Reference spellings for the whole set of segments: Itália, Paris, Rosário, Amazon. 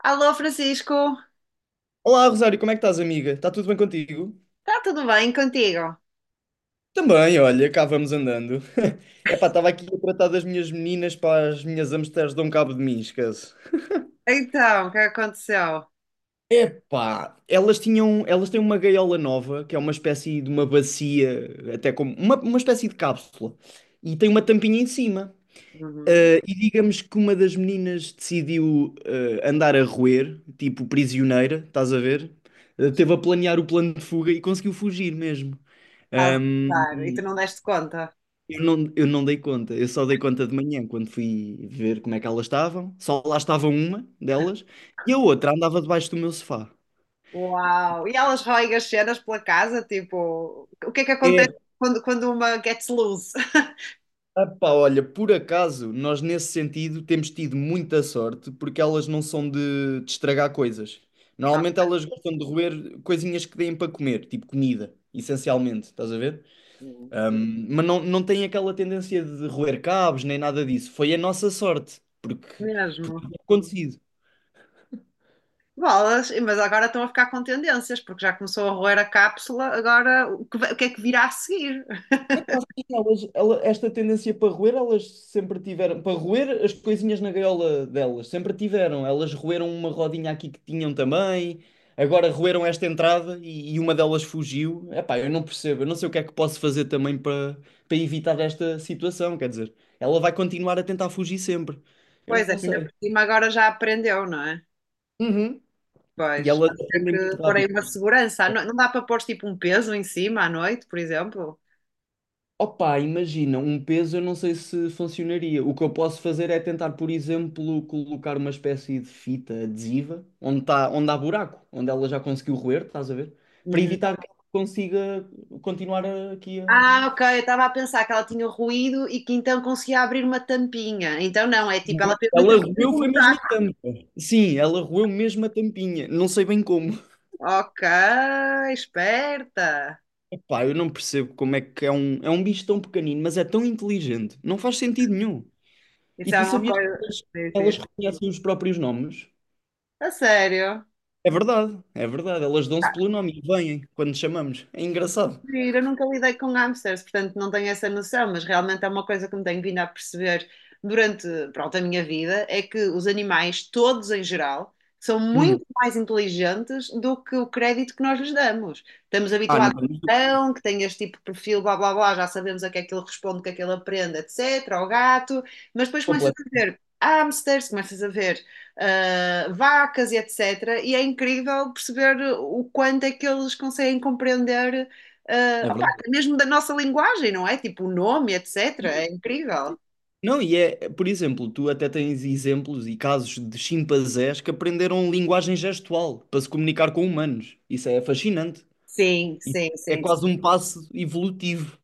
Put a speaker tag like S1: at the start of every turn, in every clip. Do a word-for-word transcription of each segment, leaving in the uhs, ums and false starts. S1: Alô, Francisco,
S2: Olá, Rosário, como é que estás, amiga? Está tudo bem contigo?
S1: está tudo bem contigo?
S2: Também, olha, cá vamos andando. Epá, estava aqui a tratar das minhas meninas para as minhas hamsters dão cabo de mim, esquece.
S1: Então, o que aconteceu?
S2: Epá, elas tinham, elas têm uma gaiola nova, que é uma espécie de uma bacia, até como uma, uma espécie de cápsula, e tem uma tampinha em cima.
S1: Uhum.
S2: Ah, e digamos que uma das meninas decidiu ah, andar a roer, tipo prisioneira, estás a ver? Ah, teve a planear o plano de fuga e conseguiu fugir mesmo.
S1: Estás a usar e tu não deste conta?
S2: Eu não, eu não dei conta, eu só dei conta de manhã quando fui ver como é que elas estavam. Só lá estava uma delas e a outra andava debaixo do meu sofá.
S1: Uau! E elas roem as cenas pela casa, tipo, o que é que
S2: É,
S1: acontece quando, quando uma gets loose?
S2: pá, olha, por acaso nós nesse sentido temos tido muita sorte porque elas não são de, de estragar coisas. Normalmente
S1: Ok.
S2: elas gostam de roer coisinhas que deem para comer, tipo comida, essencialmente, estás a ver? Ahm, mas não, não têm aquela tendência de roer cabos nem nada disso. Foi a nossa sorte, porque, porque
S1: Mesmo.
S2: tinha acontecido.
S1: Bolas, e- mas agora estão a ficar com tendências, porque já começou a roer a cápsula, agora o que, vai- o que é que virá a seguir?
S2: Epá, sim, elas- ela- esta tendência para roer, elas sempre tiveram. Para roer as coisinhas na gaiola delas, sempre tiveram. Elas roeram uma rodinha aqui que tinham também, agora roeram esta entrada e, e uma delas fugiu. Epá, eu não percebo, eu não sei o que é que posso fazer também para, para evitar esta situação. Quer dizer, ela vai continuar a tentar fugir sempre. Eu
S1: Pois é,
S2: não
S1: que ainda
S2: sei.
S1: por cima agora já aprendeu, não é?
S2: Uhum. E
S1: Pois,
S2: elas
S1: pode ser
S2: aprendem muito
S1: que pôr aí
S2: rápido.
S1: uma segurança. Ah, não, não dá para pôr tipo um peso em cima à noite, por exemplo?
S2: Opa, imagina, um peso eu não sei se funcionaria. O que eu posso fazer é tentar, por exemplo, colocar uma espécie de fita adesiva onde, tá, onde há buraco, onde ela já conseguiu roer, estás a ver? Para
S1: Uhum.
S2: evitar que ela consiga continuar aqui a.
S1: Ah, ok, eu estava a pensar que ela tinha ruído e que então conseguia abrir uma tampinha. Então não, é tipo, ela
S2: Não,
S1: fez
S2: ela
S1: literalmente
S2: roeu
S1: um
S2: foi mesmo a
S1: buraco.
S2: tampa. Sim, ela roeu mesmo a tampinha. Não sei bem como.
S1: Ok, esperta.
S2: Pá, eu não percebo como é que é um, é um bicho tão pequenino, mas é tão inteligente. Não faz sentido nenhum. E
S1: Isso é
S2: tu
S1: uma
S2: sabias que
S1: coisa.
S2: elas,
S1: Sim, sim.
S2: elas reconhecem os próprios nomes?
S1: A sério?
S2: É verdade, é verdade. Elas dão-se pelo nome e vêm quando chamamos. É engraçado.
S1: Eu nunca lidei com hamsters, portanto não tenho essa noção, mas realmente é uma coisa que me tenho vindo a perceber durante, pronto, a minha vida, é que os animais, todos em geral, são
S2: Uhum.
S1: muito mais inteligentes do que o crédito que nós lhes damos. Estamos
S2: Ah, não
S1: habituados
S2: temos
S1: a
S2: dúvida,
S1: um cão, que tem este tipo de perfil, blá blá blá, já sabemos a que é que ele responde, o que é que ele aprende, etcétera, ao gato, mas depois começas a
S2: completo.
S1: ver hamsters, começas a ver ah, vacas e etcétera, e é incrível perceber o quanto é que eles conseguem compreender eh,
S2: É
S1: opá,
S2: verdade.
S1: mesmo da nossa linguagem, não é? Tipo o nome, etcétera.
S2: Sim,
S1: É incrível.
S2: sim. Não, e é, por exemplo, tu até tens exemplos e casos de chimpanzés que aprenderam linguagem gestual para se comunicar com humanos. Isso é fascinante.
S1: Sim,
S2: E
S1: sim,
S2: É
S1: sim,
S2: quase
S1: sim.
S2: um passo evolutivo.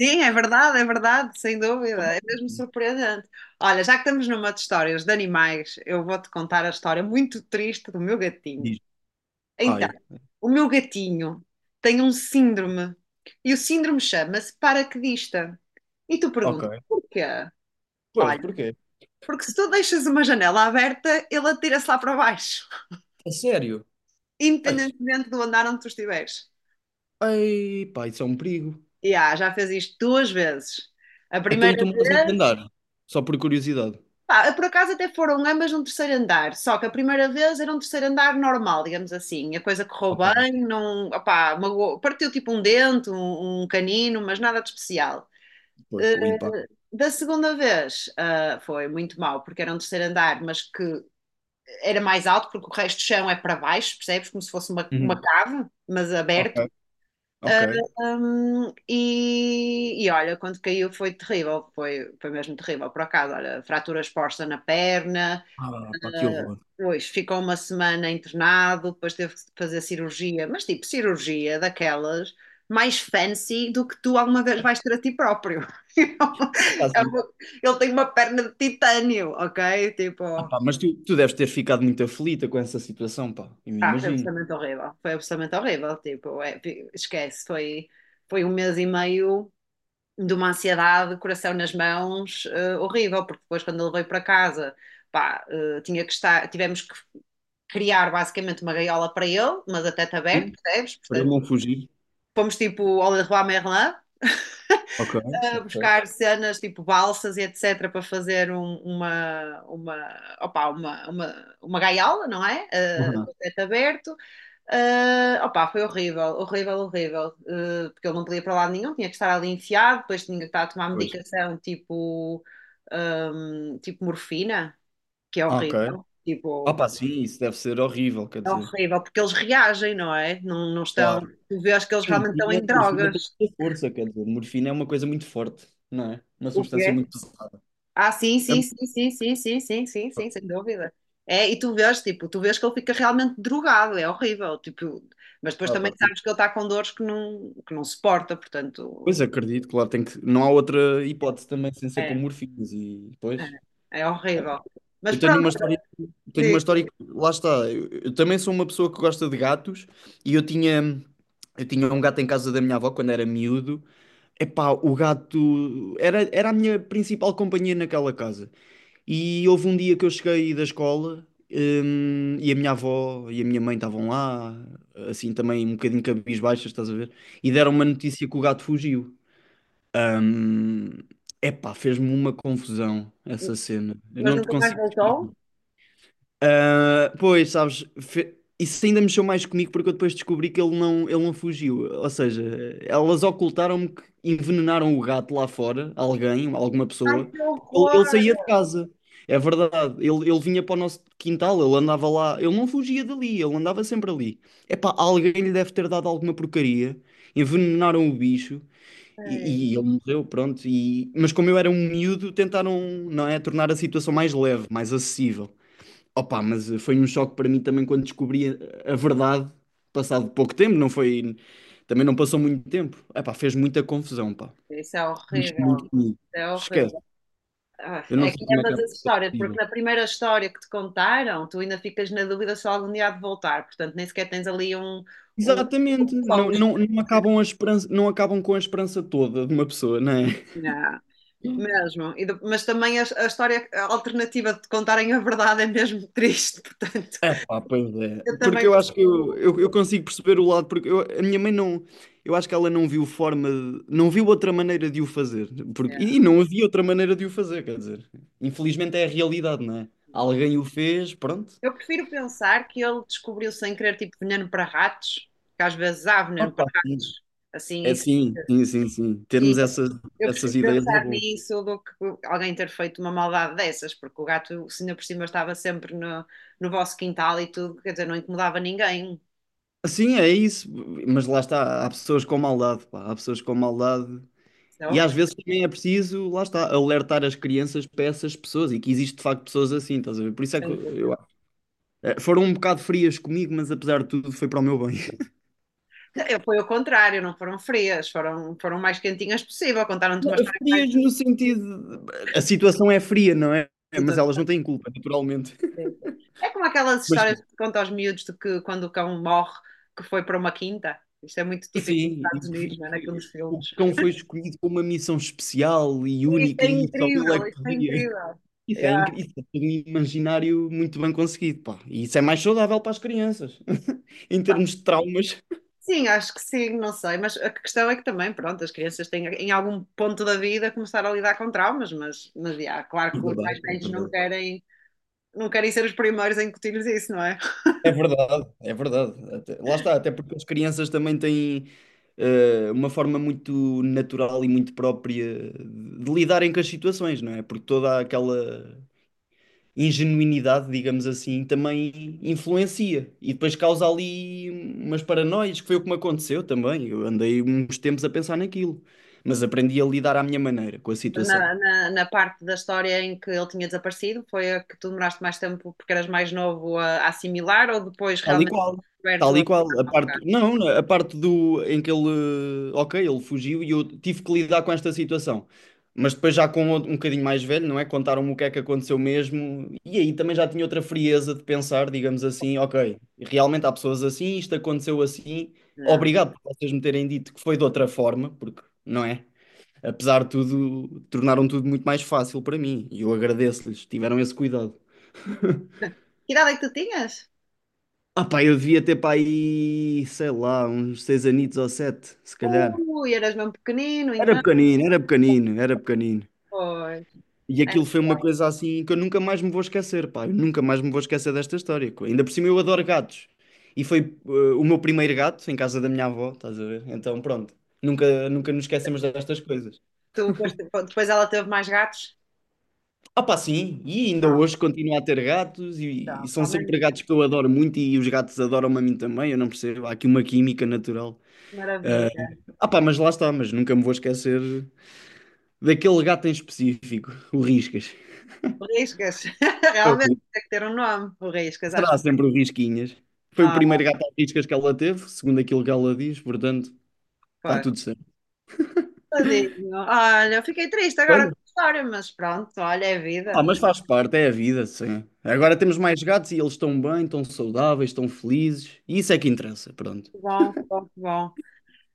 S1: Sim, é verdade, é verdade, sem dúvida. É mesmo surpreendente. Olha, já que estamos numa de histórias de animais, eu vou-te contar a história muito triste do meu gatinho.
S2: Diz.
S1: Então,
S2: Ai,
S1: o meu gatinho tem um síndrome e o síndrome chama-se paraquedista. E tu perguntas,
S2: ok.
S1: porquê?
S2: Pois,
S1: Olha,
S2: porquê?
S1: porque se tu deixas uma janela aberta, ele atira-se lá para baixo,
S2: A sério? Ai,
S1: independentemente do andar onde tu estiveres.
S2: ai, pá, isso é um perigo.
S1: Yeah, já fez isto duas vezes. A
S2: Então,
S1: primeira
S2: e tu moras em que
S1: vez,
S2: andar? Só por curiosidade.
S1: pá, por acaso até foram ambas num terceiro andar, só que a primeira vez era um terceiro andar normal, digamos assim. A coisa correu
S2: Ok,
S1: bem, não, opá, magoou- partiu tipo um dente, um, um canino, mas nada de especial.
S2: pois, com o impacto.
S1: Da segunda vez, ah, foi muito mal, porque era um terceiro andar, mas que era mais alto, porque o resto do chão é para baixo, percebes? Como se fosse uma, uma cave, mas
S2: Ok,
S1: aberto.
S2: ok.
S1: Hum, e, e olha, quando caiu foi terrível, foi, foi mesmo terrível, por acaso, olha, fratura exposta na perna,
S2: Ah, pá, que
S1: eh,
S2: horror.
S1: pois ficou uma semana internado, depois teve que fazer cirurgia, mas tipo cirurgia daquelas mais fancy do que tu alguma vez vais ter a ti próprio.
S2: Está
S1: É
S2: assim.
S1: uma- Ele tem uma perna de titânio, ok? Tipo,
S2: Ah, pá, mas tu, tu deves ter ficado muito aflita com essa situação, pá. Eu me
S1: ah, foi
S2: imagino.
S1: absolutamente horrível, foi absolutamente horrível, tipo, é, esquece, foi, foi um mês e meio de uma ansiedade, coração nas mãos, eh, horrível, porque depois quando ele veio para casa, pá, eh, tinha que estar, tivemos que criar basicamente uma gaiola para ele, mas a teto
S2: E
S1: aberto, percebes?
S2: para ele
S1: Portanto,
S2: não fugir.
S1: fomos tipo ao Leroy Merlin
S2: Ok,
S1: a
S2: ok.
S1: buscar cenas tipo balsas e etc para fazer um- uma, uma, opa uma, uma, uma gaiola, não é? Eh,
S2: Aham.
S1: com teto aberto. Uh, opa, foi horrível, horrível, horrível, uh, porque ele não podia ir para lado nenhum, tinha que estar ali enfiado, depois tinha que estar a tomar
S2: Pois,
S1: medicação tipo, um, tipo morfina, que é
S2: ah, ok.
S1: horrível,
S2: Ah,
S1: tipo,
S2: pá, sim, isso deve ser horrível, quer
S1: é
S2: dizer.
S1: horrível, porque eles reagem, não é? Não, não estão,
S2: Claro.
S1: tu vês que eles
S2: E
S1: realmente estão
S2: morfina,
S1: em
S2: morfina tem
S1: drogas,
S2: muita força, quer dizer, morfina é uma coisa muito forte, não é? Uma
S1: o
S2: substância
S1: quê?
S2: muito pesada.
S1: Ah, sim,
S2: É
S1: sim,
S2: muito-
S1: sim, sim, sim, sim, sim, sim, sim, sem dúvida. É, e tu vês, tipo, tu vês que ele fica realmente drogado, é horrível, tipo, mas depois
S2: ah, pá,
S1: também
S2: que-
S1: sabes que ele está com dores que não, que não suporta,
S2: pois
S1: portanto,
S2: acredito, claro, tem que... não há outra
S1: é
S2: hipótese também sem ser com
S1: É,
S2: morfinas e depois.
S1: é, é horrível. Mas
S2: Eu tenho
S1: pronto,
S2: uma história Tenho uma
S1: digo.
S2: história que, lá está, eu, eu também sou uma pessoa que gosta de gatos e eu tinha, eu tinha um gato em casa da minha avó quando era miúdo. Epá, o gato era, era a minha principal companhia naquela casa. E houve um dia que eu cheguei da escola, hum, e a minha avó e a minha mãe estavam lá, assim também um bocadinho cabisbaixas, estás a ver? E deram uma notícia que o gato fugiu. Hum, epá, fez-me uma confusão essa cena. Eu
S1: Mas
S2: não te
S1: nunca mais
S2: consigo descrever.
S1: voltou?
S2: Ah, pois, sabes, fe- isso ainda mexeu mais comigo porque eu depois descobri que ele não, ele não fugiu. Ou seja, elas ocultaram-me que envenenaram o gato lá fora, alguém, alguma
S1: Ai,
S2: pessoa.
S1: que
S2: Ele,
S1: horror!
S2: ele saía de casa, é verdade. Ele, ele vinha para o nosso quintal, ele andava lá, ele não fugia dali, ele andava sempre ali. Epá, alguém lhe deve ter dado alguma porcaria, envenenaram o bicho
S1: Ai,
S2: e, e ele morreu, pronto. E, mas como eu era um miúdo, tentaram, não é, tornar a situação mais leve, mais acessível. Opa, mas foi um choque para mim também quando descobri a a verdade, passado pouco tempo, não foi, também não passou muito tempo. Epá, fez muita confusão, pá.
S1: isso é
S2: Mas muito
S1: horrível.
S2: comigo.
S1: É
S2: Esquece.
S1: horrível. Ah,
S2: Eu não
S1: é que
S2: sei
S1: é
S2: como é que é
S1: ambas as histórias, porque
S2: possível.
S1: na primeira história que te contaram, tu ainda ficas na dúvida se algum dia há de voltar, portanto nem sequer tens ali um, um
S2: Exatamente, não,
S1: close,
S2: não, não acabam a esperança, não acabam com a esperança toda de uma pessoa, não é?
S1: né? mesmo. E de- mas também a, a história alternativa de te contarem a verdade é mesmo triste, portanto
S2: É pá, pois é.
S1: eu
S2: Porque
S1: também
S2: eu acho que eu,
S1: percebo.
S2: eu, eu consigo perceber o lado, porque eu- a minha mãe não. Eu acho que ela não viu forma. De- não viu outra maneira de o fazer. Porque,
S1: É,
S2: e não havia outra maneira de o fazer, quer dizer. Infelizmente é a realidade, não é? Alguém o fez, pronto.
S1: eu prefiro pensar que ele descobriu sem querer tipo veneno para ratos, que às vezes há veneno para
S2: Opa, sim.
S1: ratos, assim,
S2: É
S1: isso.
S2: sim, sim, sim, sim. Termos
S1: E
S2: essas,
S1: eu
S2: essas
S1: prefiro
S2: ideias é
S1: pensar
S2: bom.
S1: nisso do que alguém ter feito uma maldade dessas, porque o gato, se ainda por cima estava sempre no, no vosso quintal e tudo, quer dizer, não incomodava ninguém.
S2: Sim, é isso. Mas lá está, há pessoas com maldade, pá. Há pessoas com maldade.
S1: Isso é
S2: E às
S1: horrível,
S2: vezes também é preciso, lá está, alertar as crianças para essas pessoas e que existe de facto pessoas assim, estás a ver? Por isso é que
S1: sem
S2: eu,
S1: dúvida.
S2: eh, foram um bocado frias comigo, mas apesar de tudo foi para o meu bem.
S1: Eu, foi o contrário, não foram frias, foram, foram o mais quentinhas possível, contaram-te uma história mais
S2: Frias no sentido. De- A situação é fria, não é? É, mas elas
S1: bonita.
S2: não têm culpa, naturalmente.
S1: Sim, sim. É como aquelas
S2: Mas
S1: histórias que contam aos miúdos de que quando o cão morre, que foi para uma quinta. Isto é muito típico nos
S2: sim, e
S1: Estados Unidos,
S2: que-
S1: não é? Naqueles
S2: e o
S1: filmes.
S2: cão foi escolhido com uma missão especial e
S1: Isso
S2: única
S1: é
S2: e só ele é
S1: incrível,
S2: que
S1: isso é
S2: podia.
S1: incrível.
S2: Isso é
S1: Yeah.
S2: incrível, isso é tudo um imaginário muito bem conseguido, pá. E isso é mais saudável para as crianças, em termos de traumas.
S1: Sim, acho que sim, não sei, mas a questão é que também, pronto, as crianças têm em algum ponto da vida começar a lidar com traumas, mas, mas yeah, claro
S2: É
S1: que os mais
S2: verdade, é
S1: velhos não
S2: verdade.
S1: querem, não querem ser os primeiros a incutir-lhes isso, não é?
S2: É verdade, é verdade. Até- lá está, até porque as crianças também têm eh, uma forma muito natural e muito própria de lidarem com as situações, não é? Porque toda aquela ingenuinidade, digamos assim, também influencia e depois causa ali umas paranoias, que foi o que me aconteceu também. Eu andei uns tempos a pensar naquilo, mas aprendi a lidar à minha maneira com a situação.
S1: na, na, na parte da história em que ele tinha desaparecido? Foi a que tu demoraste mais tempo porque eras mais novo a, a, assimilar ou depois
S2: Tal e
S1: realmente
S2: qual.
S1: descoberto
S2: Tal
S1: a. Ah,
S2: e qual. A
S1: ok.
S2: parte, não, não, a parte do em que ele, ok, ele fugiu e eu tive que lidar com esta situação. Mas depois já com outro- um bocadinho mais velho, não é? Contaram-me o que é que aconteceu mesmo. E aí também já tinha outra frieza de pensar, digamos assim, ok, realmente há pessoas assim, isto aconteceu assim.
S1: Não.
S2: Obrigado por vocês me terem dito que foi de outra forma, porque, não é? Apesar de tudo, tornaram tudo muito mais fácil para mim. E eu agradeço-lhes, tiveram esse cuidado.
S1: Que idade é que tu tinhas?
S2: Ah pá, eu devia ter para aí, sei lá, uns seis anitos ou sete, se calhar.
S1: Ui, eras mesmo pequenino,
S2: Era
S1: então.
S2: pequenino, era pequenino, era pequenino.
S1: Pois.
S2: E
S1: É,
S2: aquilo foi uma coisa assim que eu nunca mais me vou esquecer, pá. Eu nunca mais me vou esquecer desta história. co- Ainda por cima eu adoro gatos. E foi eh, o meu primeiro gato em casa da minha avó, estás a ver? Então pronto, nunca, nunca nos esquecemos destas coisas.
S1: tu, depois, depois ela teve mais gatos?
S2: Ah pá, sim, e ainda
S1: Não,
S2: hoje continuo a ter gatos e,
S1: não,
S2: e são
S1: ao menos
S2: sempre
S1: isso.
S2: gatos que eu adoro muito e os gatos adoram-me a mim também, eu não percebo. Há aqui uma química natural.
S1: Que
S2: Ah,
S1: maravilha.
S2: ah pá, mas lá está, mas nunca me vou esquecer daquele gato em específico, o Riscas.
S1: Riscas.
S2: É o
S1: Realmente
S2: Ri-
S1: tem que ter um nome. O Riscas, acho.
S2: será sempre o Risquinhas. Foi o
S1: Ah,
S2: primeiro gato a Riscas que ela teve, segundo aquilo que ela diz, portanto, está
S1: pois.
S2: tudo certo.
S1: Tadinho. Olha, eu fiquei triste agora com
S2: Olha,
S1: a história, mas pronto, olha, é
S2: ah,
S1: vida.
S2: mas faz parte, é a vida, sim. Agora temos mais gatos e eles estão bem, estão saudáveis, estão felizes, e isso é que interessa, pronto.
S1: Bom, bom, bom.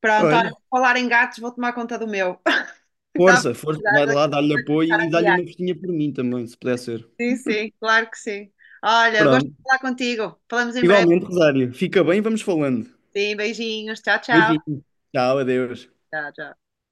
S1: Pronto, olha,
S2: Olha,
S1: por falar em gatos, vou tomar conta do meu. Estava a
S2: força, força,
S1: precisar
S2: vai
S1: de
S2: lá, dá-lhe
S1: de começar
S2: apoio e
S1: a
S2: dá-lhe
S1: guiar.
S2: uma festinha por mim também, se puder ser.
S1: Sim, sim, claro que sim. Olha, gosto de
S2: Pronto.
S1: falar contigo. Falamos em breve.
S2: Igualmente, Rosário, fica bem, vamos falando.
S1: Sim, beijinhos. Tchau, tchau.
S2: Beijinho. Tchau, adeus.
S1: Tchau, tchau.